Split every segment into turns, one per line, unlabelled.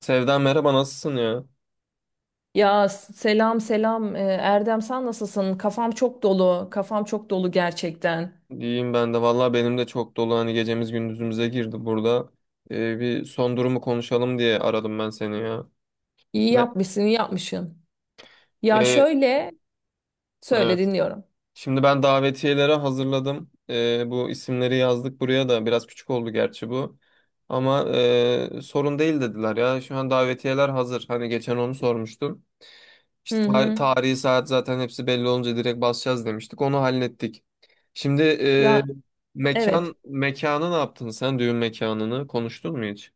Sevda merhaba nasılsın ya?
Ya, selam selam. Erdem, sen nasılsın? Kafam çok dolu. Kafam çok dolu gerçekten.
İyiyim ben de. Vallahi benim de çok dolu hani gecemiz gündüzümüze girdi burada. Bir son durumu konuşalım diye aradım ben seni ya.
İyi
Ne?
yapmışsın, iyi yapmışsın. Ya,
Ee,
söyle,
evet.
dinliyorum.
Şimdi ben davetiyeleri hazırladım. Bu isimleri yazdık buraya da. Biraz küçük oldu gerçi bu. Ama sorun değil dediler ya. Şu an davetiyeler hazır. Hani geçen onu sormuştum.
Hı
İşte
hı.
tarihi saat zaten hepsi belli olunca direkt basacağız demiştik. Onu hallettik. Şimdi
Ya, evet.
mekanı ne yaptın sen? Düğün mekanını konuştun mu hiç?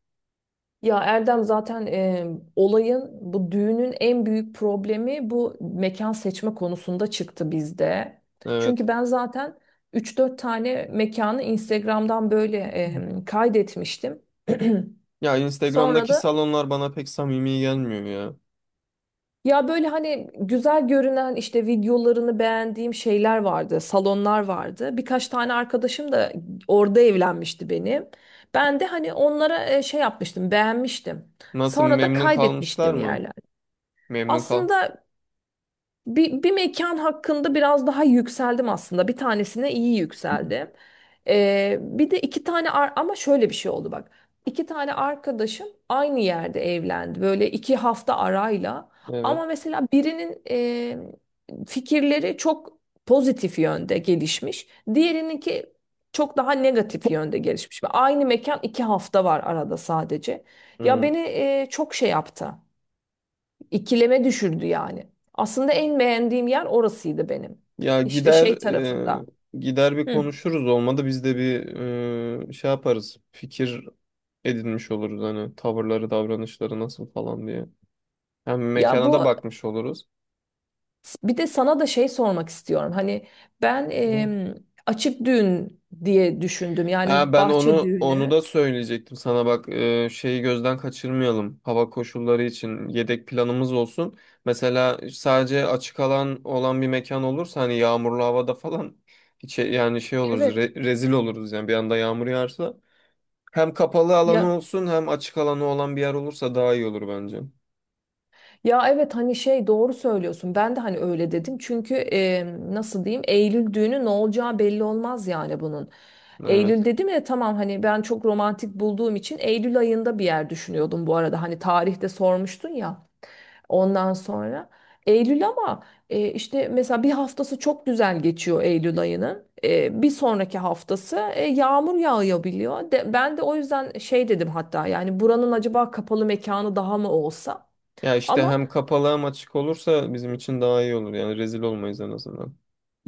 Ya Erdem, zaten bu düğünün en büyük problemi bu mekan seçme konusunda çıktı bizde.
Evet.
Çünkü ben zaten üç dört tane mekanı Instagram'dan böyle kaydetmiştim.
Ya
Sonra
Instagram'daki
da
salonlar bana pek samimi gelmiyor ya.
Ya böyle hani güzel görünen işte videolarını beğendiğim şeyler vardı, salonlar vardı. Birkaç tane arkadaşım da orada evlenmişti benim. Ben de hani onlara şey yapmıştım, beğenmiştim.
Nasıl
Sonra da
memnun kalmışlar
kaydetmiştim
mı?
yerler.
Memnun kal.
Aslında bir mekan hakkında biraz daha yükseldim aslında. Bir tanesine iyi yükseldim. Bir de iki tane ama şöyle bir şey oldu bak. İki tane arkadaşım aynı yerde evlendi. Böyle 2 hafta arayla.
Evet.
Ama mesela birinin fikirleri çok pozitif yönde gelişmiş. Diğerininki çok daha negatif yönde gelişmiş. Ve aynı mekan, 2 hafta var arada sadece. Ya
Hı.
beni çok şey yaptı. İkileme düşürdü yani. Aslında en beğendiğim yer orasıydı benim.
Ya
İşte
gider
şey tarafında.
e, gider bir
Hı.
konuşuruz, olmadı biz de bir şey yaparız. Fikir edinmiş oluruz hani tavırları, davranışları nasıl falan diye. Hem
Ya
mekana da
bu,
bakmış oluruz.
bir de sana da şey sormak istiyorum. Hani ben
Hı.
açık düğün diye düşündüm.
Ha,
Yani
ben
bahçe
onu
düğünü.
da söyleyecektim sana bak, şeyi gözden kaçırmayalım, hava koşulları için yedek planımız olsun. Mesela sadece açık alan olan bir mekan olursa hani yağmurlu havada falan hiç, yani şey oluruz,
Evet.
rezil oluruz yani bir anda yağmur yağarsa. Hem kapalı
Ya,
alanı olsun hem açık alanı olan bir yer olursa daha iyi olur bence.
Evet hani şey, doğru söylüyorsun. Ben de hani öyle dedim. Çünkü nasıl diyeyim, Eylül düğünü ne olacağı belli olmaz yani bunun.
Evet.
Eylül dedim ya, tamam hani ben çok romantik bulduğum için Eylül ayında bir yer düşünüyordum bu arada. Hani tarihte sormuştun ya ondan sonra. Eylül, ama işte mesela bir haftası çok güzel geçiyor Eylül ayının. Bir sonraki haftası yağmur yağabiliyor. Ben de o yüzden şey dedim hatta, yani buranın acaba kapalı mekanı daha mı olsa?
Ya işte
Ama
hem kapalı hem açık olursa bizim için daha iyi olur yani, rezil olmayız en azından.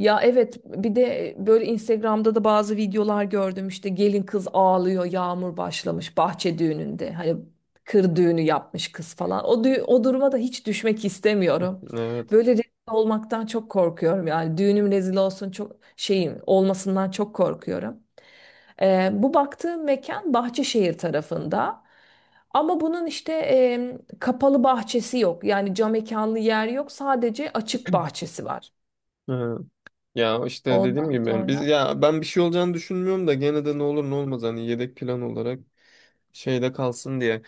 Ya, evet, bir de böyle Instagram'da da bazı videolar gördüm, işte gelin kız ağlıyor, yağmur başlamış bahçe düğününde, hani kır düğünü yapmış kız falan, o duruma da hiç düşmek istemiyorum.
Evet.
Böyle rezil olmaktan çok korkuyorum yani, düğünüm rezil olsun, çok şeyim olmasından çok korkuyorum. Bu baktığım mekan Bahçeşehir tarafında. Ama bunun işte kapalı bahçesi yok. Yani cam mekanlı yer yok. Sadece açık bahçesi var.
Evet. Ya işte dediğim
Ondan
gibi biz,
sonra
ya ben bir şey olacağını düşünmüyorum da gene de ne olur ne olmaz, hani yedek plan olarak şeyde kalsın diye.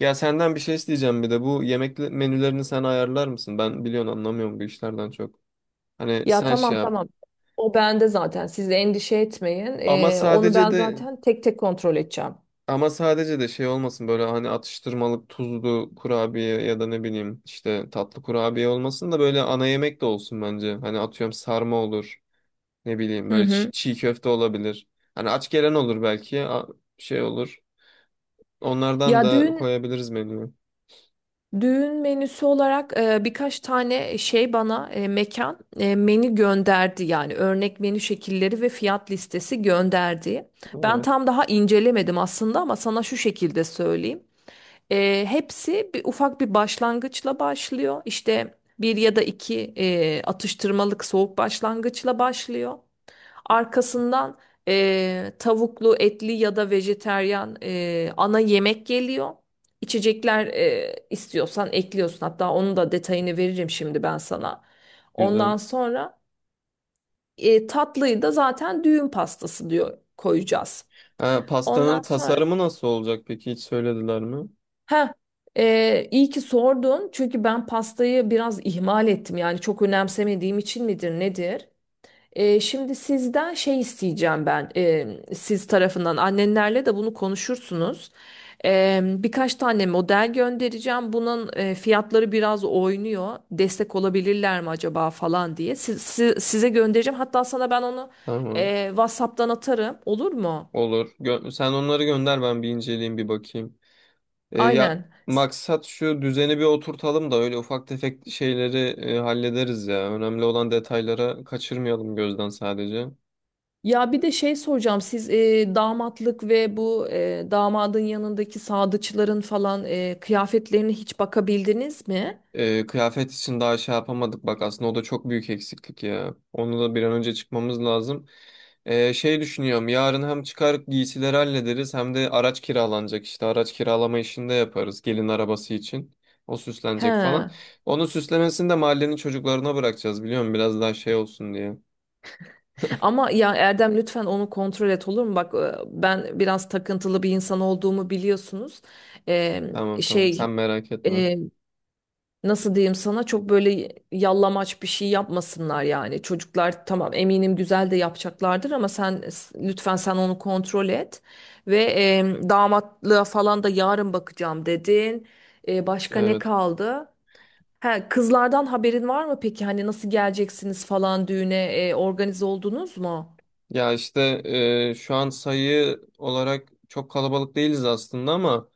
Ya senden bir şey isteyeceğim bir de, bu yemek menülerini sen ayarlar mısın? Ben biliyorsun anlamıyorum bu işlerden çok. Hani
ya
sen şey
tamam,
yap.
tamam. O bende zaten. Siz de endişe etmeyin.
Ama
Onu
sadece
ben
de
zaten tek tek kontrol edeceğim.
ama sadece de şey olmasın, böyle hani atıştırmalık tuzlu kurabiye ya da ne bileyim işte tatlı kurabiye olmasın da böyle ana yemek de olsun bence. Hani atıyorum sarma olur. Ne bileyim
Hı
böyle
hı.
çiğ köfte olabilir. Hani aç gelen olur belki. Şey olur. Onlardan
Ya
da
düğün
koyabiliriz menüye.
Düğün menüsü olarak birkaç tane şey bana e, mekan menü gönderdi, yani örnek menü şekilleri ve fiyat listesi gönderdi. Ben
Evet.
tam daha incelemedim aslında, ama sana şu şekilde söyleyeyim. Hepsi bir ufak bir başlangıçla başlıyor. İşte bir ya da iki atıştırmalık soğuk başlangıçla başlıyor. Arkasından tavuklu, etli ya da vejeteryan ana yemek geliyor. İçecekler istiyorsan ekliyorsun. Hatta onun da detayını veririm şimdi ben sana.
Güzel.
Ondan sonra tatlıyı da zaten düğün pastası diyor, koyacağız.
Ha,
Ondan
pastanın
sonra,
tasarımı nasıl olacak peki? Hiç söylediler mi?
ha, iyi ki sordun çünkü ben pastayı biraz ihmal ettim yani, çok önemsemediğim için midir nedir? Şimdi sizden şey isteyeceğim ben, siz tarafından annenlerle de bunu konuşursunuz. Birkaç tane model göndereceğim. Bunun fiyatları biraz oynuyor. Destek olabilirler mi acaba falan diye. Size göndereceğim. Hatta sana ben onu
Tamam.
WhatsApp'tan atarım. Olur mu?
Olur. Sen onları gönder, ben bir inceleyeyim bir bakayım. Ya
Aynen.
maksat şu düzeni bir oturtalım da öyle ufak tefek şeyleri hallederiz ya. Önemli olan detaylara kaçırmayalım gözden sadece.
Ya, bir de şey soracağım. Siz damatlık ve bu damadın yanındaki sadıçların falan kıyafetlerine hiç bakabildiniz mi?
Kıyafet için daha şey yapamadık bak aslında, o da çok büyük eksiklik ya. Onu da bir an önce çıkmamız lazım. Şey düşünüyorum, yarın hem çıkar giysileri hallederiz hem de araç kiralanacak, işte araç kiralama işini de yaparız gelin arabası için. O süslenecek
He.
falan. Onun süslemesini de mahallenin çocuklarına bırakacağız, biliyor musun? Biraz daha şey olsun diye.
Ama ya Erdem, lütfen onu kontrol et, olur mu? Bak ben biraz takıntılı bir insan olduğumu biliyorsunuz. Ee,
Tamam tamam, sen
Şey,
merak etme.
e, nasıl diyeyim sana, çok böyle yallamaç bir şey yapmasınlar yani. Çocuklar tamam, eminim güzel de yapacaklardır, ama sen lütfen, sen onu kontrol et. Ve damatlığa falan da yarın bakacağım dedin. Başka ne
Evet.
kaldı? Ha, kızlardan haberin var mı peki? Hani nasıl geleceksiniz falan düğüne, organize oldunuz mu?
Ya işte şu an sayı olarak çok kalabalık değiliz aslında, ama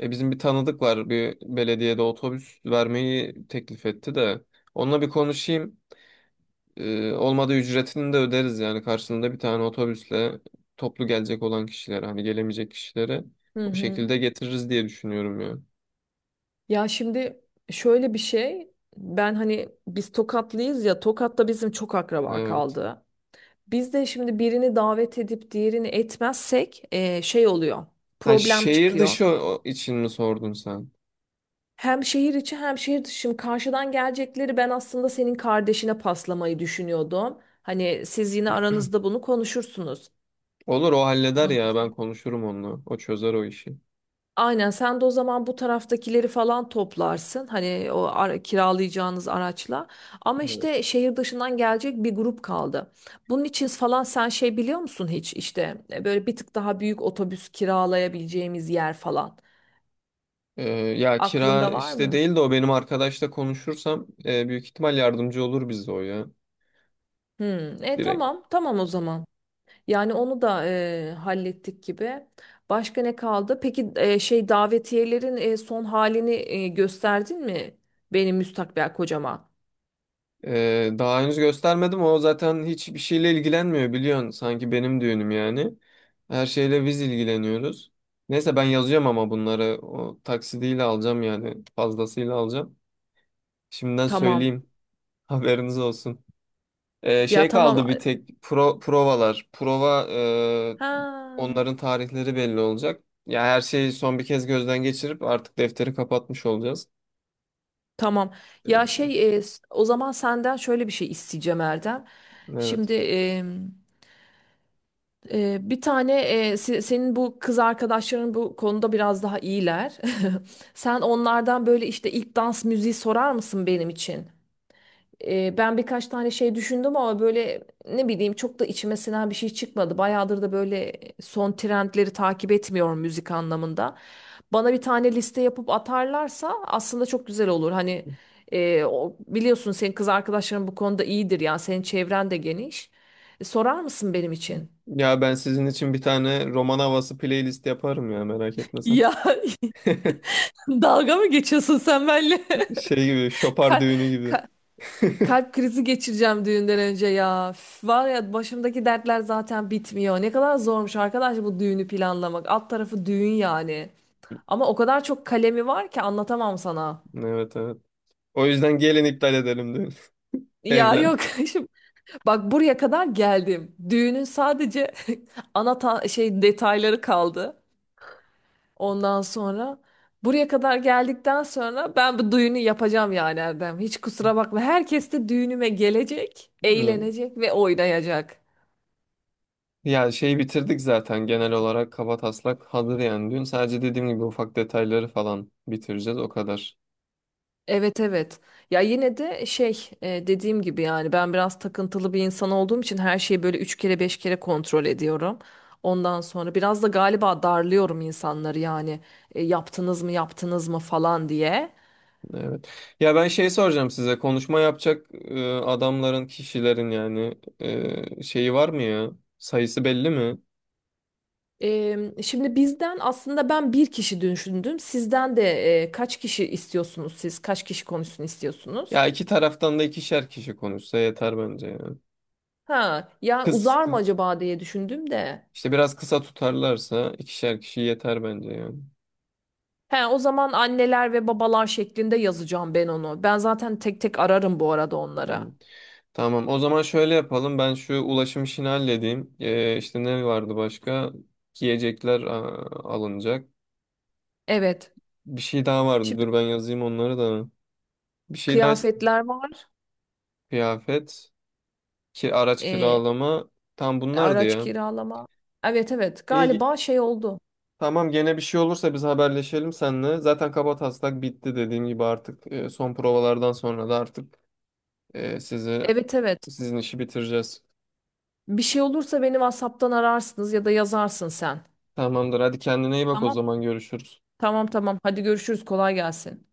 Bizim bir tanıdık var, bir belediyede otobüs vermeyi teklif etti de onunla bir konuşayım. Olmadı ücretini de öderiz yani karşılığında, bir tane otobüsle toplu gelecek olan kişilere, hani gelemeyecek kişilere
Hı
o
hı.
şekilde getiririz diye düşünüyorum ya.
Ya şimdi şöyle bir şey, ben hani biz Tokatlıyız ya, Tokat'ta bizim çok akraba
Evet.
kaldı. Biz de şimdi birini davet edip diğerini etmezsek şey oluyor,
Ha,
problem
şehir
çıkıyor.
dışı o için mi sordun sen?
Hem şehir içi hem şehir dışı. Şimdi karşıdan gelecekleri ben aslında senin kardeşine paslamayı düşünüyordum. Hani siz yine aranızda bunu konuşursunuz.
Olur, o halleder ya, ben
Anladım.
konuşurum onunla. O çözer o işi.
Aynen, sen de o zaman bu taraftakileri falan toplarsın hani kiralayacağınız araçla, ama
Evet.
işte şehir dışından gelecek bir grup kaldı. Bunun için falan sen şey biliyor musun hiç, işte böyle bir tık daha büyük otobüs kiralayabileceğimiz yer falan
Ya
aklında
kira
var
işte
mı?
değil de, o benim arkadaşla konuşursam büyük ihtimal yardımcı olur bize o ya.
Hmm,
Direkt.
tamam, tamam, o zaman yani onu da hallettik gibi. Başka ne kaldı? Peki şey, davetiyelerin son halini gösterdin mi benim müstakbel kocama?
Daha henüz göstermedim. O zaten hiçbir şeyle ilgilenmiyor biliyorsun. Sanki benim düğünüm yani. Her şeyle biz ilgileniyoruz. Neyse, ben yazacağım ama bunları o taksidiyle alacağım yani, fazlasıyla alacağım. Şimdiden
Tamam.
söyleyeyim. Haberiniz olsun. Ee,
Ya,
şey
tamam.
kaldı bir tek, provalar. Prova e,
Ha,
onların tarihleri belli olacak. Ya her şeyi son bir kez gözden geçirip artık defteri kapatmış olacağız.
tamam. Ya
Ee,
şey, o zaman senden şöyle bir şey isteyeceğim Erdem.
evet.
Şimdi bir tane, senin bu kız arkadaşların bu konuda biraz daha iyiler. Sen onlardan böyle işte ilk dans müziği sorar mısın benim için? Ben birkaç tane şey düşündüm, ama böyle ne bileyim çok da içime sinen bir şey çıkmadı. Bayağıdır da böyle son trendleri takip etmiyorum müzik anlamında. Bana bir tane liste yapıp atarlarsa aslında çok güzel olur. Hani biliyorsun senin kız arkadaşların bu konuda iyidir yani, senin çevren de geniş. Sorar mısın benim için?
Ya ben sizin için bir tane roman havası playlist yaparım ya, merak etme sen.
Ya, dalga mı geçiyorsun sen benimle?
Şey gibi, şopar
Ka-
düğünü gibi.
ka- Kalp krizi geçireceğim düğünden önce ya. Üf, var ya, başımdaki dertler zaten bitmiyor. Ne kadar zormuş arkadaş bu düğünü planlamak. Alt tarafı düğün yani. Ama o kadar çok kalemi var ki, anlatamam sana.
Evet evet. O yüzden gelin iptal edelim düğünü.
Ya,
Evlen.
yok, şimdi bak buraya kadar geldim. Düğünün sadece şey detayları kaldı. Ondan sonra buraya kadar geldikten sonra ben bu düğünü yapacağım yani Erdem. Hiç kusura bakma. Herkes de düğünüme gelecek,
İyi.
eğlenecek ve oynayacak.
Ya şeyi bitirdik zaten, genel olarak kabataslak hazır yani düğün. Sadece dediğim gibi ufak detayları falan bitireceğiz o kadar.
Evet, evet. Ya, yine de şey, dediğim gibi yani, ben biraz takıntılı bir insan olduğum için her şeyi böyle üç kere beş kere kontrol ediyorum. Ondan sonra biraz da galiba darlıyorum insanları yani, yaptınız mı, yaptınız mı falan diye.
Evet. Ya ben şey soracağım size, konuşma yapacak adamların, kişilerin yani, şeyi var mı ya? Sayısı belli mi?
Şimdi bizden aslında ben bir kişi düşündüm. Sizden de kaç kişi istiyorsunuz siz? Kaç kişi konuşsun istiyorsunuz?
Ya iki taraftan da ikişer kişi konuşsa yeter bence ya.
Ha, ya
Kız,
uzar mı
kı-
acaba diye düşündüm de.
işte biraz kısa tutarlarsa ikişer kişi yeter bence yani.
He, o zaman anneler ve babalar şeklinde yazacağım ben onu. Ben zaten tek tek ararım bu arada
Hmm.
onlara.
Tamam, o zaman şöyle yapalım, ben şu ulaşım işini halledeyim. İşte ne vardı başka? Yiyecekler alınacak.
Evet.
Bir şey daha vardı,
Şimdi
dur ben yazayım onları da. Bir şey daha
kıyafetler var.
kıyafet, ki araç
Ee,
kiralama, tam bunlardı
araç
ya.
kiralama. Evet, evet.
İyi,
Galiba şey oldu.
tamam, gene bir şey olursa biz haberleşelim seninle. Zaten kabataslak bitti dediğim gibi, artık son provalardan sonra da artık Ee, sizi
Evet, evet.
sizin işi bitireceğiz.
Bir şey olursa beni WhatsApp'tan ararsınız ya da yazarsın sen.
Tamamdır. Hadi kendine iyi bak, o
Tamam.
zaman görüşürüz.
Tamam, tamam. Hadi görüşürüz. Kolay gelsin.